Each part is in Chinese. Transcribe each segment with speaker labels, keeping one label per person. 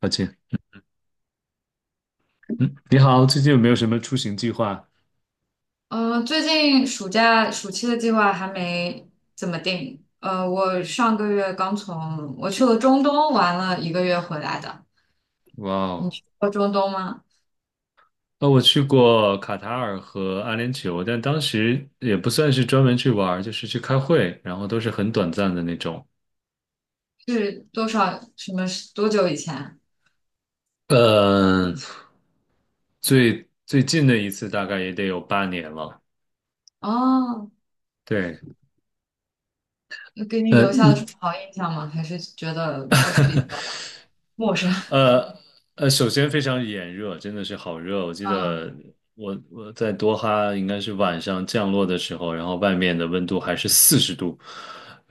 Speaker 1: 抱歉，嗯，你好，最近有没有什么出行计划？
Speaker 2: 嗯，最近暑期的计划还没怎么定。我上个月刚我去了中东玩了一个月回来的。
Speaker 1: 哇
Speaker 2: 你
Speaker 1: 哦，
Speaker 2: 去过中东吗？
Speaker 1: 我去过卡塔尔和阿联酋，但当时也不算是专门去玩儿，就是去开会，然后都是很短暂的那种。
Speaker 2: 是多少什么多久以前？
Speaker 1: 呃，最近的一次大概也得有8年了。
Speaker 2: 哦，
Speaker 1: 对。
Speaker 2: 那给你
Speaker 1: 呃，
Speaker 2: 留下了什
Speaker 1: 你，
Speaker 2: 么好印象吗？还是觉得就是比较陌生？
Speaker 1: 呃，首先非常炎热，真的是好热。我记
Speaker 2: 嗯
Speaker 1: 得我在多哈应该是晚上降落的时候，然后外面的温度还是40度，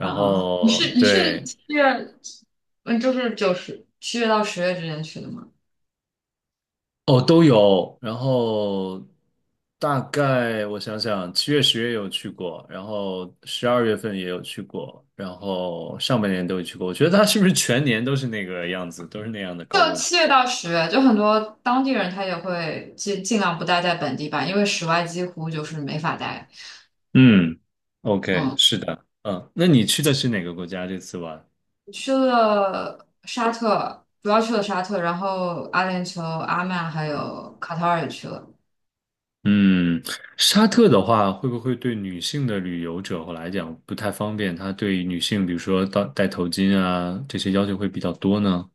Speaker 2: 嗯嗯，你
Speaker 1: 后
Speaker 2: 是你是
Speaker 1: 对。
Speaker 2: 七月，嗯，就是七月到十月之间去的吗？
Speaker 1: 哦，都有。然后大概我想想，七月、十月有去过，然后十二月份也有去过，然后上半年都有去过。我觉得它是不是全年都是那个样子，都是那样的高
Speaker 2: 就
Speaker 1: 温？
Speaker 2: 七月到十月，就很多当地人他也会尽量不待在本地吧，因为室外几乎就是没法待。
Speaker 1: 嗯，OK，
Speaker 2: 嗯，
Speaker 1: 是的，嗯，那你去的是哪个国家这次玩？
Speaker 2: 去了沙特，主要去了沙特，然后阿联酋、阿曼还有卡塔尔也去了。
Speaker 1: 嗯，沙特的话，会不会对女性的旅游者来讲不太方便？它对女性，比如说到戴头巾啊，这些要求会比较多呢？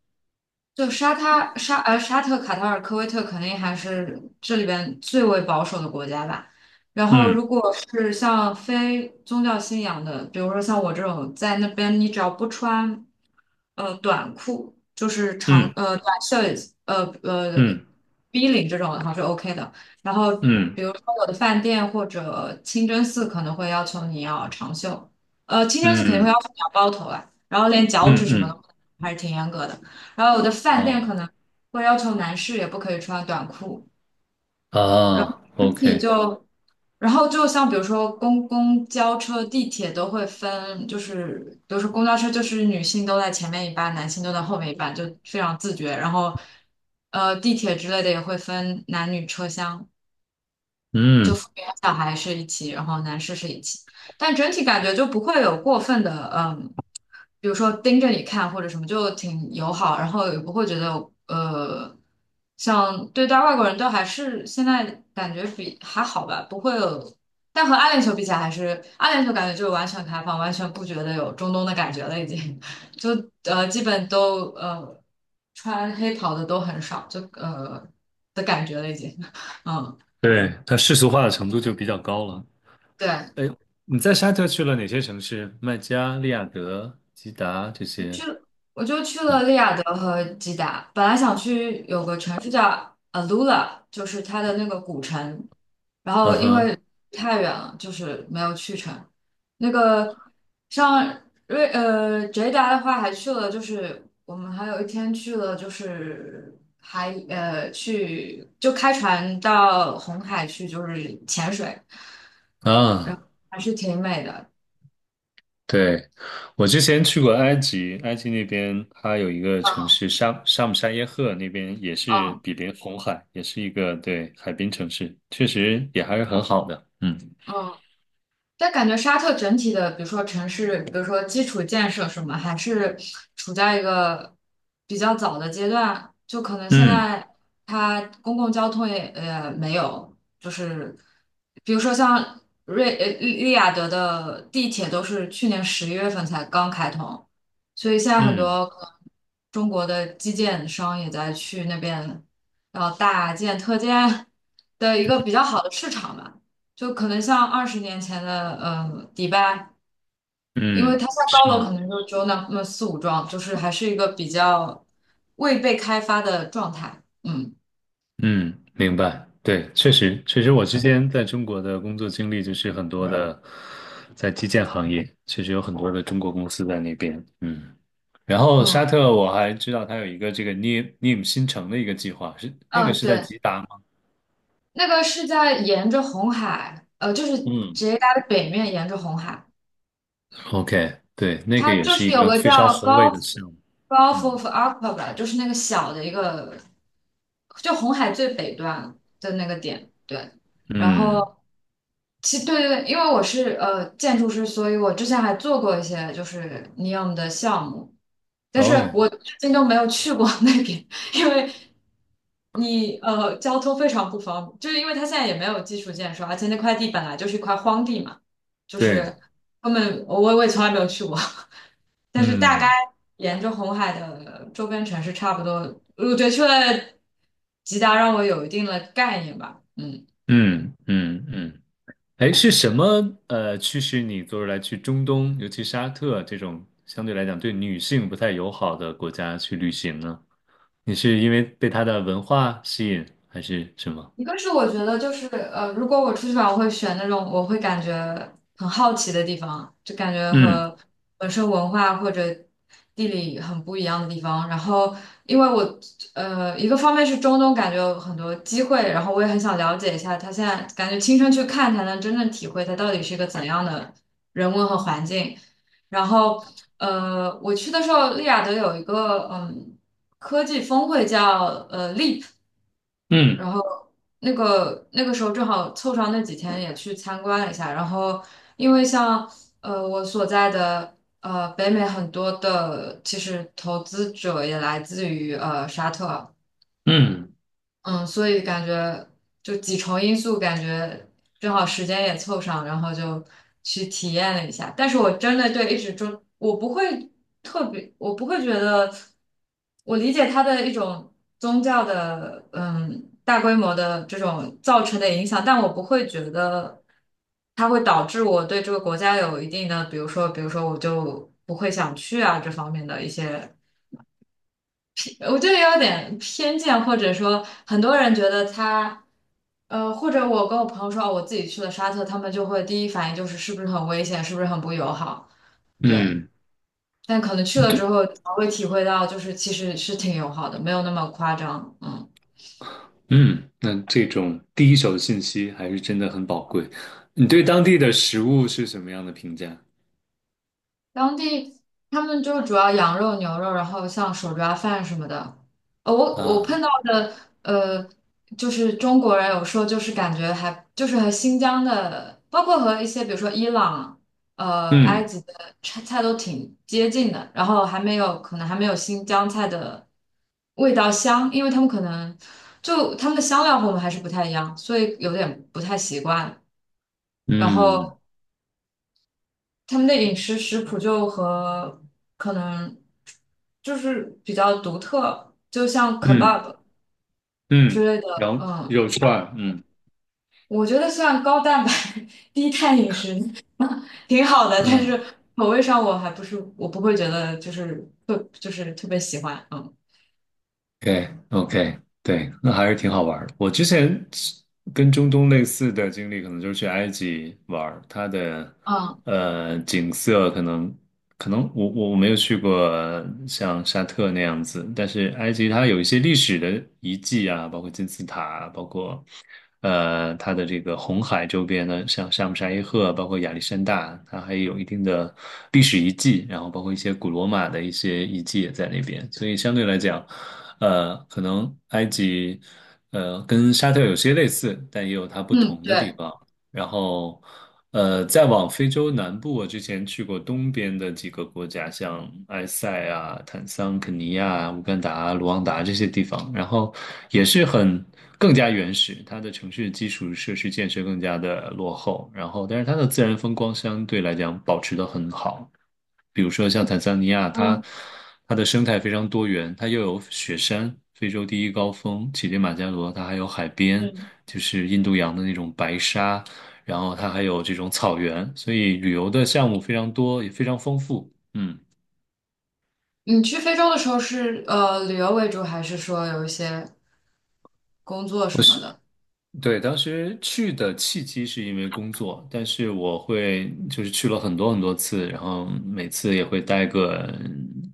Speaker 2: 就沙他沙呃沙特、卡塔尔、科威特肯定还是这里边最为保守的国家吧。然后，如
Speaker 1: 嗯
Speaker 2: 果是像非宗教信仰的，比如说像我这种在那边，你只要不穿短裤，就是
Speaker 1: 嗯
Speaker 2: 短袖呃呃
Speaker 1: 嗯
Speaker 2: V 领这种的话是 OK 的。然后，
Speaker 1: 嗯。
Speaker 2: 比如说我的饭店或者清真寺可能会要求你要长袖，清真寺肯定会要
Speaker 1: 嗯
Speaker 2: 求你要包头啊，然后连脚趾
Speaker 1: 嗯
Speaker 2: 什么
Speaker 1: 嗯，
Speaker 2: 的还是挺严格的。然后有的饭店可
Speaker 1: 哦
Speaker 2: 能会要求男士也不可以穿短裤，然后
Speaker 1: 啊
Speaker 2: 你
Speaker 1: ，OK，
Speaker 2: 就，然后就像比如说公交车、地铁都会分，就是比如说公交车就是女性都在前面一半，男性都在后面一半，就非常自觉。然后地铁之类的也会分男女车厢。就
Speaker 1: 嗯。
Speaker 2: 父母和小孩是一起，然后男士是一起，但整体感觉就不会有过分的，比如说盯着你看或者什么，就挺友好，然后也不会觉得，呃，像对待外国人都还是现在感觉比还好吧，不会有，但和阿联酋比起来，还是阿联酋感觉就完全开放，完全不觉得有中东的感觉了，已经，就基本都穿黑袍的都很少，就的感觉了已经，嗯。
Speaker 1: 对，它世俗化的程度就比较高了。
Speaker 2: 对。
Speaker 1: 哎，你在沙特去了哪些城市？麦加、利雅得、吉达这些？
Speaker 2: 我就去了利
Speaker 1: 嗯
Speaker 2: 雅得和吉达，本来想去有个城市叫 Alula，就是它的那个古城，然后
Speaker 1: 嗯
Speaker 2: 因为
Speaker 1: 哼
Speaker 2: 太远了，就是没有去成。那个像吉达的话，还去了，就是我们还有一天去了，就是还去就开船到红海去，就是潜水，
Speaker 1: 啊。
Speaker 2: 还是挺美的。
Speaker 1: 对，我之前去过埃及，埃及那边它有一个城
Speaker 2: 嗯
Speaker 1: 市沙沙姆沙耶赫，那边也是
Speaker 2: 嗯
Speaker 1: 比邻红海，也是一个对海滨城市，确实也还是很好的。嗯
Speaker 2: 嗯。但感觉沙特整体的，比如说城市，比如说基础建设什么，还是处在一个比较早的阶段。就可能现
Speaker 1: 嗯
Speaker 2: 在它公共交通也没有，就是比如说像利雅得的地铁都是去年11月份才刚开通，所以现在很
Speaker 1: 嗯
Speaker 2: 多可能中国的基建商也在去那边，然后大建特建的一个比较好的市场吧。就可能像20年前的迪拜，因为
Speaker 1: 嗯，
Speaker 2: 它在
Speaker 1: 是。
Speaker 2: 高楼可能就只有那么四五幢，就是还是一个比较未被开发的状态。嗯
Speaker 1: 嗯，明白。对，确实，确实，我之前在中国的工作经历就是很多的，在基建行业，确实有很多的中国公司在那边。嗯，然后
Speaker 2: 嗯
Speaker 1: 沙特我还知道它有一个这个 n e o NEOM 新城的一个计划，是那个
Speaker 2: 嗯，
Speaker 1: 是在
Speaker 2: 对，
Speaker 1: 吉达吗？
Speaker 2: 那个是在沿着红海，就是
Speaker 1: 嗯，
Speaker 2: 直接它的北面沿着红海，
Speaker 1: OK，对，那个
Speaker 2: 它
Speaker 1: 也
Speaker 2: 就
Speaker 1: 是
Speaker 2: 是
Speaker 1: 一
Speaker 2: 有
Speaker 1: 个
Speaker 2: 个
Speaker 1: 非常
Speaker 2: 叫
Speaker 1: 宏伟
Speaker 2: Gulf
Speaker 1: 的项目。
Speaker 2: Gulf
Speaker 1: 嗯
Speaker 2: of Aqaba，吧就是那个小的一个，就红海最北端的那个点，对。然
Speaker 1: 嗯，
Speaker 2: 后对对对，因为我是建筑师，所以我之前还做过一些就是 NEO 的项目，但是我
Speaker 1: 哦，
Speaker 2: 最近都没有去过 那边，因为交通非常不方便，就是因为它现在也没有基础建设，而且那块地本来就是一块荒地嘛，就是
Speaker 1: 对，
Speaker 2: 根本我也从来没有去过，但是大概
Speaker 1: 嗯
Speaker 2: 沿着红海的周边城市差不多，我觉得去了吉达让我有一定的概念吧，嗯。
Speaker 1: 嗯嗯嗯。哎，是什么驱使你做出来去中东，尤其沙特这种相对来讲对女性不太友好的国家去旅行呢？你是因为被它的文化吸引，还是什么？
Speaker 2: 一个是我觉得就是如果我出去玩，我会选那种我会感觉很好奇的地方，就感觉
Speaker 1: 嗯
Speaker 2: 和本身文化或者地理很不一样的地方。然后，因为我一个方面是中东，感觉有很多机会，然后我也很想了解一下，他现在感觉亲身去看才能真正体会它到底是一个怎样的人文和环境。然后，我去的时候，利雅得有一个科技峰会叫Leap。
Speaker 1: 嗯
Speaker 2: 然后那个时候正好凑上那几天也去参观了一下，然后因为像我所在的北美很多的其实投资者也来自于沙特，
Speaker 1: 嗯
Speaker 2: 嗯，所以感觉就几重因素，感觉正好时间也凑上，然后就去体验了一下。但是我真的对一直中，我不会特别，我不会觉得，我理解它的一种宗教的，大规模的这种造成的影响，但我不会觉得它会导致我对这个国家有一定的，比如说，比如说我就不会想去啊这方面的一些。我觉得有点偏见，或者说很多人觉得他，或者我跟我朋友说，哦我自己去了沙特，他们就会第一反应就是是不是很危险，是不是很不友好？对，
Speaker 1: 嗯，
Speaker 2: 但可能去了之
Speaker 1: 对。
Speaker 2: 后，才会体会到就是其实是挺友好的，没有那么夸张。嗯。
Speaker 1: 嗯，那这种第一手的信息还是真的很宝贵。你对当地的食物是什么样的评价？
Speaker 2: 当地他们就主要羊肉、牛肉，然后像手抓饭什么的。我碰
Speaker 1: 啊？
Speaker 2: 到的呃，就是中国人有时候就是感觉还就是和新疆的，包括和一些比如说伊朗、埃
Speaker 1: 嗯
Speaker 2: 及的菜都挺接近的，然后还没有可能还没有新疆菜的味道香，因为他们可能就他们的香料和我们还是不太一样，所以有点不太习惯。然
Speaker 1: 嗯
Speaker 2: 后他们的饮食食谱就和可能就是比较独特，就像
Speaker 1: 嗯
Speaker 2: kebab 之
Speaker 1: 嗯，
Speaker 2: 类的，
Speaker 1: 然后
Speaker 2: 嗯，
Speaker 1: 肉串儿嗯
Speaker 2: 我觉得虽然高蛋白 低碳饮食挺好的，但是
Speaker 1: 嗯。
Speaker 2: 口味上我不会觉得就是特别喜欢，嗯
Speaker 1: OK OK，对，那还是挺好玩儿的。我之前跟中东类似的经历，可能就是去埃及玩儿。它的
Speaker 2: 嗯
Speaker 1: 景色可能，我没有去过像沙特那样子，但是埃及它有一些历史的遗迹啊，包括金字塔啊，包括它的这个红海周边的，像沙姆沙伊赫啊，包括亚历山大，它还有一定的历史遗迹，然后包括一些古罗马的一些遗迹也在那边，所以相对来讲，可能埃及，跟沙特有些类似，但也有它不
Speaker 2: 嗯，
Speaker 1: 同的地
Speaker 2: 对，
Speaker 1: 方。然后，再往非洲南部，我之前去过东边的几个国家，像埃塞啊、坦桑、肯尼亚、乌干达、卢旺达这些地方，然后也是很更加原始，它的城市基础设施建设更加的落后，然后但是它的自然风光相对来讲保持得很好。比如说像坦桑尼亚，它
Speaker 2: 嗯
Speaker 1: 它的生态非常多元，它又有雪山，非洲第一高峰乞力马扎罗，它还有海边，
Speaker 2: 嗯，
Speaker 1: 就是印度洋的那种白沙，然后它还有这种草原，所以旅游的项目非常多，也非常丰富。嗯，
Speaker 2: 你去非洲的时候是旅游为主，还是说有一些工作
Speaker 1: 我
Speaker 2: 什么
Speaker 1: 是，
Speaker 2: 的？
Speaker 1: 对，当时去的契机是因为工作，但是我会就是去了很多很多次，然后每次也会待个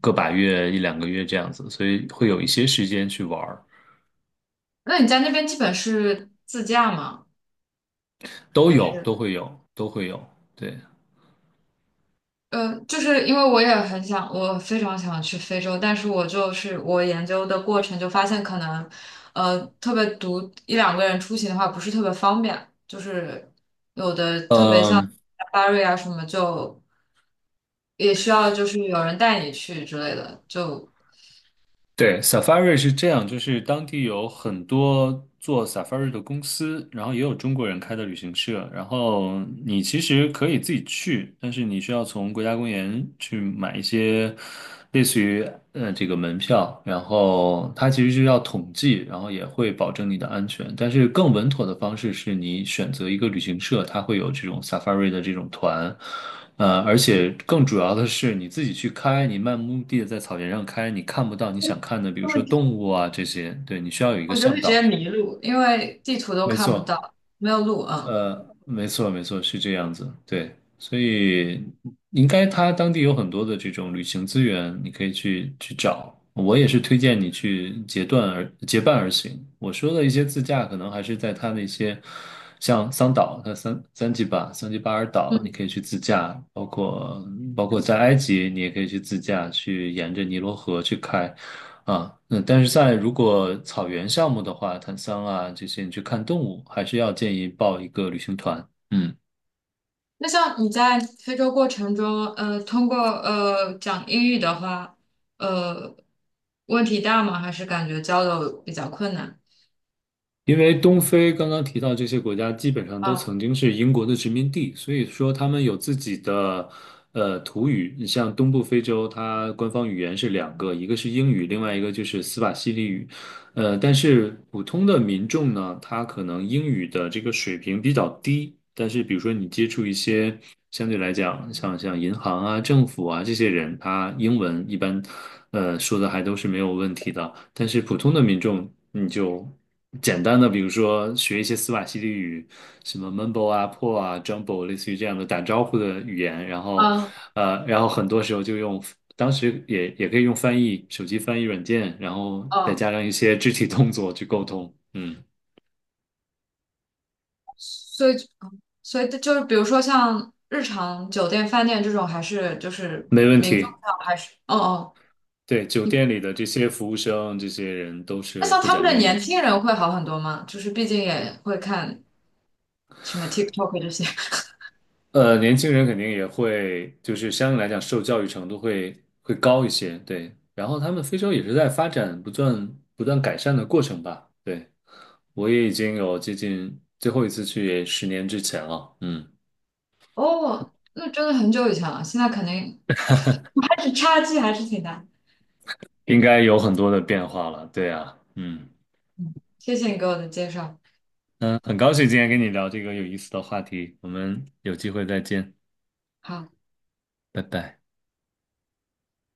Speaker 1: 个把月一两个月这样子，所以会有一些时间去玩儿。
Speaker 2: 那你在那边基本是自驾吗？
Speaker 1: 都
Speaker 2: 还
Speaker 1: 有，
Speaker 2: 是？
Speaker 1: 都会有，都会有，对。
Speaker 2: 就是因为我也很想，我非常想去非洲，但是我就是我研究的过程就发现，可能特别独一两个人出行的话不是特别方便，就是有的特别像
Speaker 1: 嗯。
Speaker 2: 巴瑞啊什么，就也需要就是有人带你去之类的，就
Speaker 1: 对，Safari 是这样，就是当地有很多做 Safari 的公司，然后也有中国人开的旅行社，然后你其实可以自己去，但是你需要从国家公园去买一些类似于这个门票，然后它其实是要统计，然后也会保证你的安全，但是更稳妥的方式是你选择一个旅行社，它会有这种 Safari 的这种团。而且更主要的是，你自己去开，你漫无目的的在草原上开，你看不到你想看的，比如说动物啊这些，对，你需要有一个
Speaker 2: 我就会
Speaker 1: 向
Speaker 2: 直接
Speaker 1: 导。
Speaker 2: 迷路，因为地图都
Speaker 1: 没
Speaker 2: 看不
Speaker 1: 错。
Speaker 2: 到，没有路，嗯。
Speaker 1: 没错，没错，是这样子，对，所以应该他当地有很多的这种旅行资源，你可以去找。我也是推荐你去结段而结伴而行。我说的一些自驾，可能还是在它那些像桑岛，它三吉巴、桑吉巴尔岛，你可以去自驾，包括在埃及，你也可以去自驾，去沿着尼罗河去开。啊，嗯，但是在如果草原项目的话，坦桑啊这些，你去看动物，还是要建议报一个旅行团。嗯。
Speaker 2: 那像你在非洲过程中，通过讲英语的话，呃，问题大吗？还是感觉交流比较困难？
Speaker 1: 因为东非刚刚提到这些国家，基本上都
Speaker 2: 嗯
Speaker 1: 曾经是英国的殖民地，所以说他们有自己的土语。你像东部非洲，它官方语言是两个，一个是英语，另外一个就是斯瓦希里语。但是普通的民众呢，他可能英语的这个水平比较低，但是比如说你接触一些相对来讲，像银行啊、政府啊这些人，他英文一般说的还都是没有问题的。但是普通的民众，你就简单的，比如说学一些斯瓦希里语，什么 Mumbo 啊、Po 啊、Jumbo，类似于这样的打招呼的语言，然后，
Speaker 2: 嗯
Speaker 1: 然后很多时候就用，当时也可以用翻译，手机翻译软件，然后再
Speaker 2: 嗯，
Speaker 1: 加上一些肢体动作去沟通，嗯，
Speaker 2: 所以所以就是比如说像日常酒店、饭店这种，还是就是
Speaker 1: 没问
Speaker 2: 民众
Speaker 1: 题。
Speaker 2: 上还是哦哦，
Speaker 1: 对，酒
Speaker 2: 你
Speaker 1: 店里的这些服务生，这些人都
Speaker 2: 那
Speaker 1: 是
Speaker 2: 像
Speaker 1: 会
Speaker 2: 他们
Speaker 1: 讲
Speaker 2: 的
Speaker 1: 英
Speaker 2: 年
Speaker 1: 语。
Speaker 2: 轻人会好很多吗？就是毕竟也会看什么 TikTok 这些。
Speaker 1: 年轻人肯定也会，就是相对来讲受教育程度会高一些，对。然后他们非洲也是在发展不断改善的过程吧，对。我也已经有接近最后一次去也10年之前了，嗯，
Speaker 2: 哦，那真的很久以前了，现在肯定还是差距还是挺大。
Speaker 1: 应该有很多的变化了，对啊，嗯
Speaker 2: 嗯，谢谢你给我的介绍。
Speaker 1: 嗯，很高兴今天跟你聊这个有意思的话题，我们有机会再见，
Speaker 2: 好。
Speaker 1: 拜拜。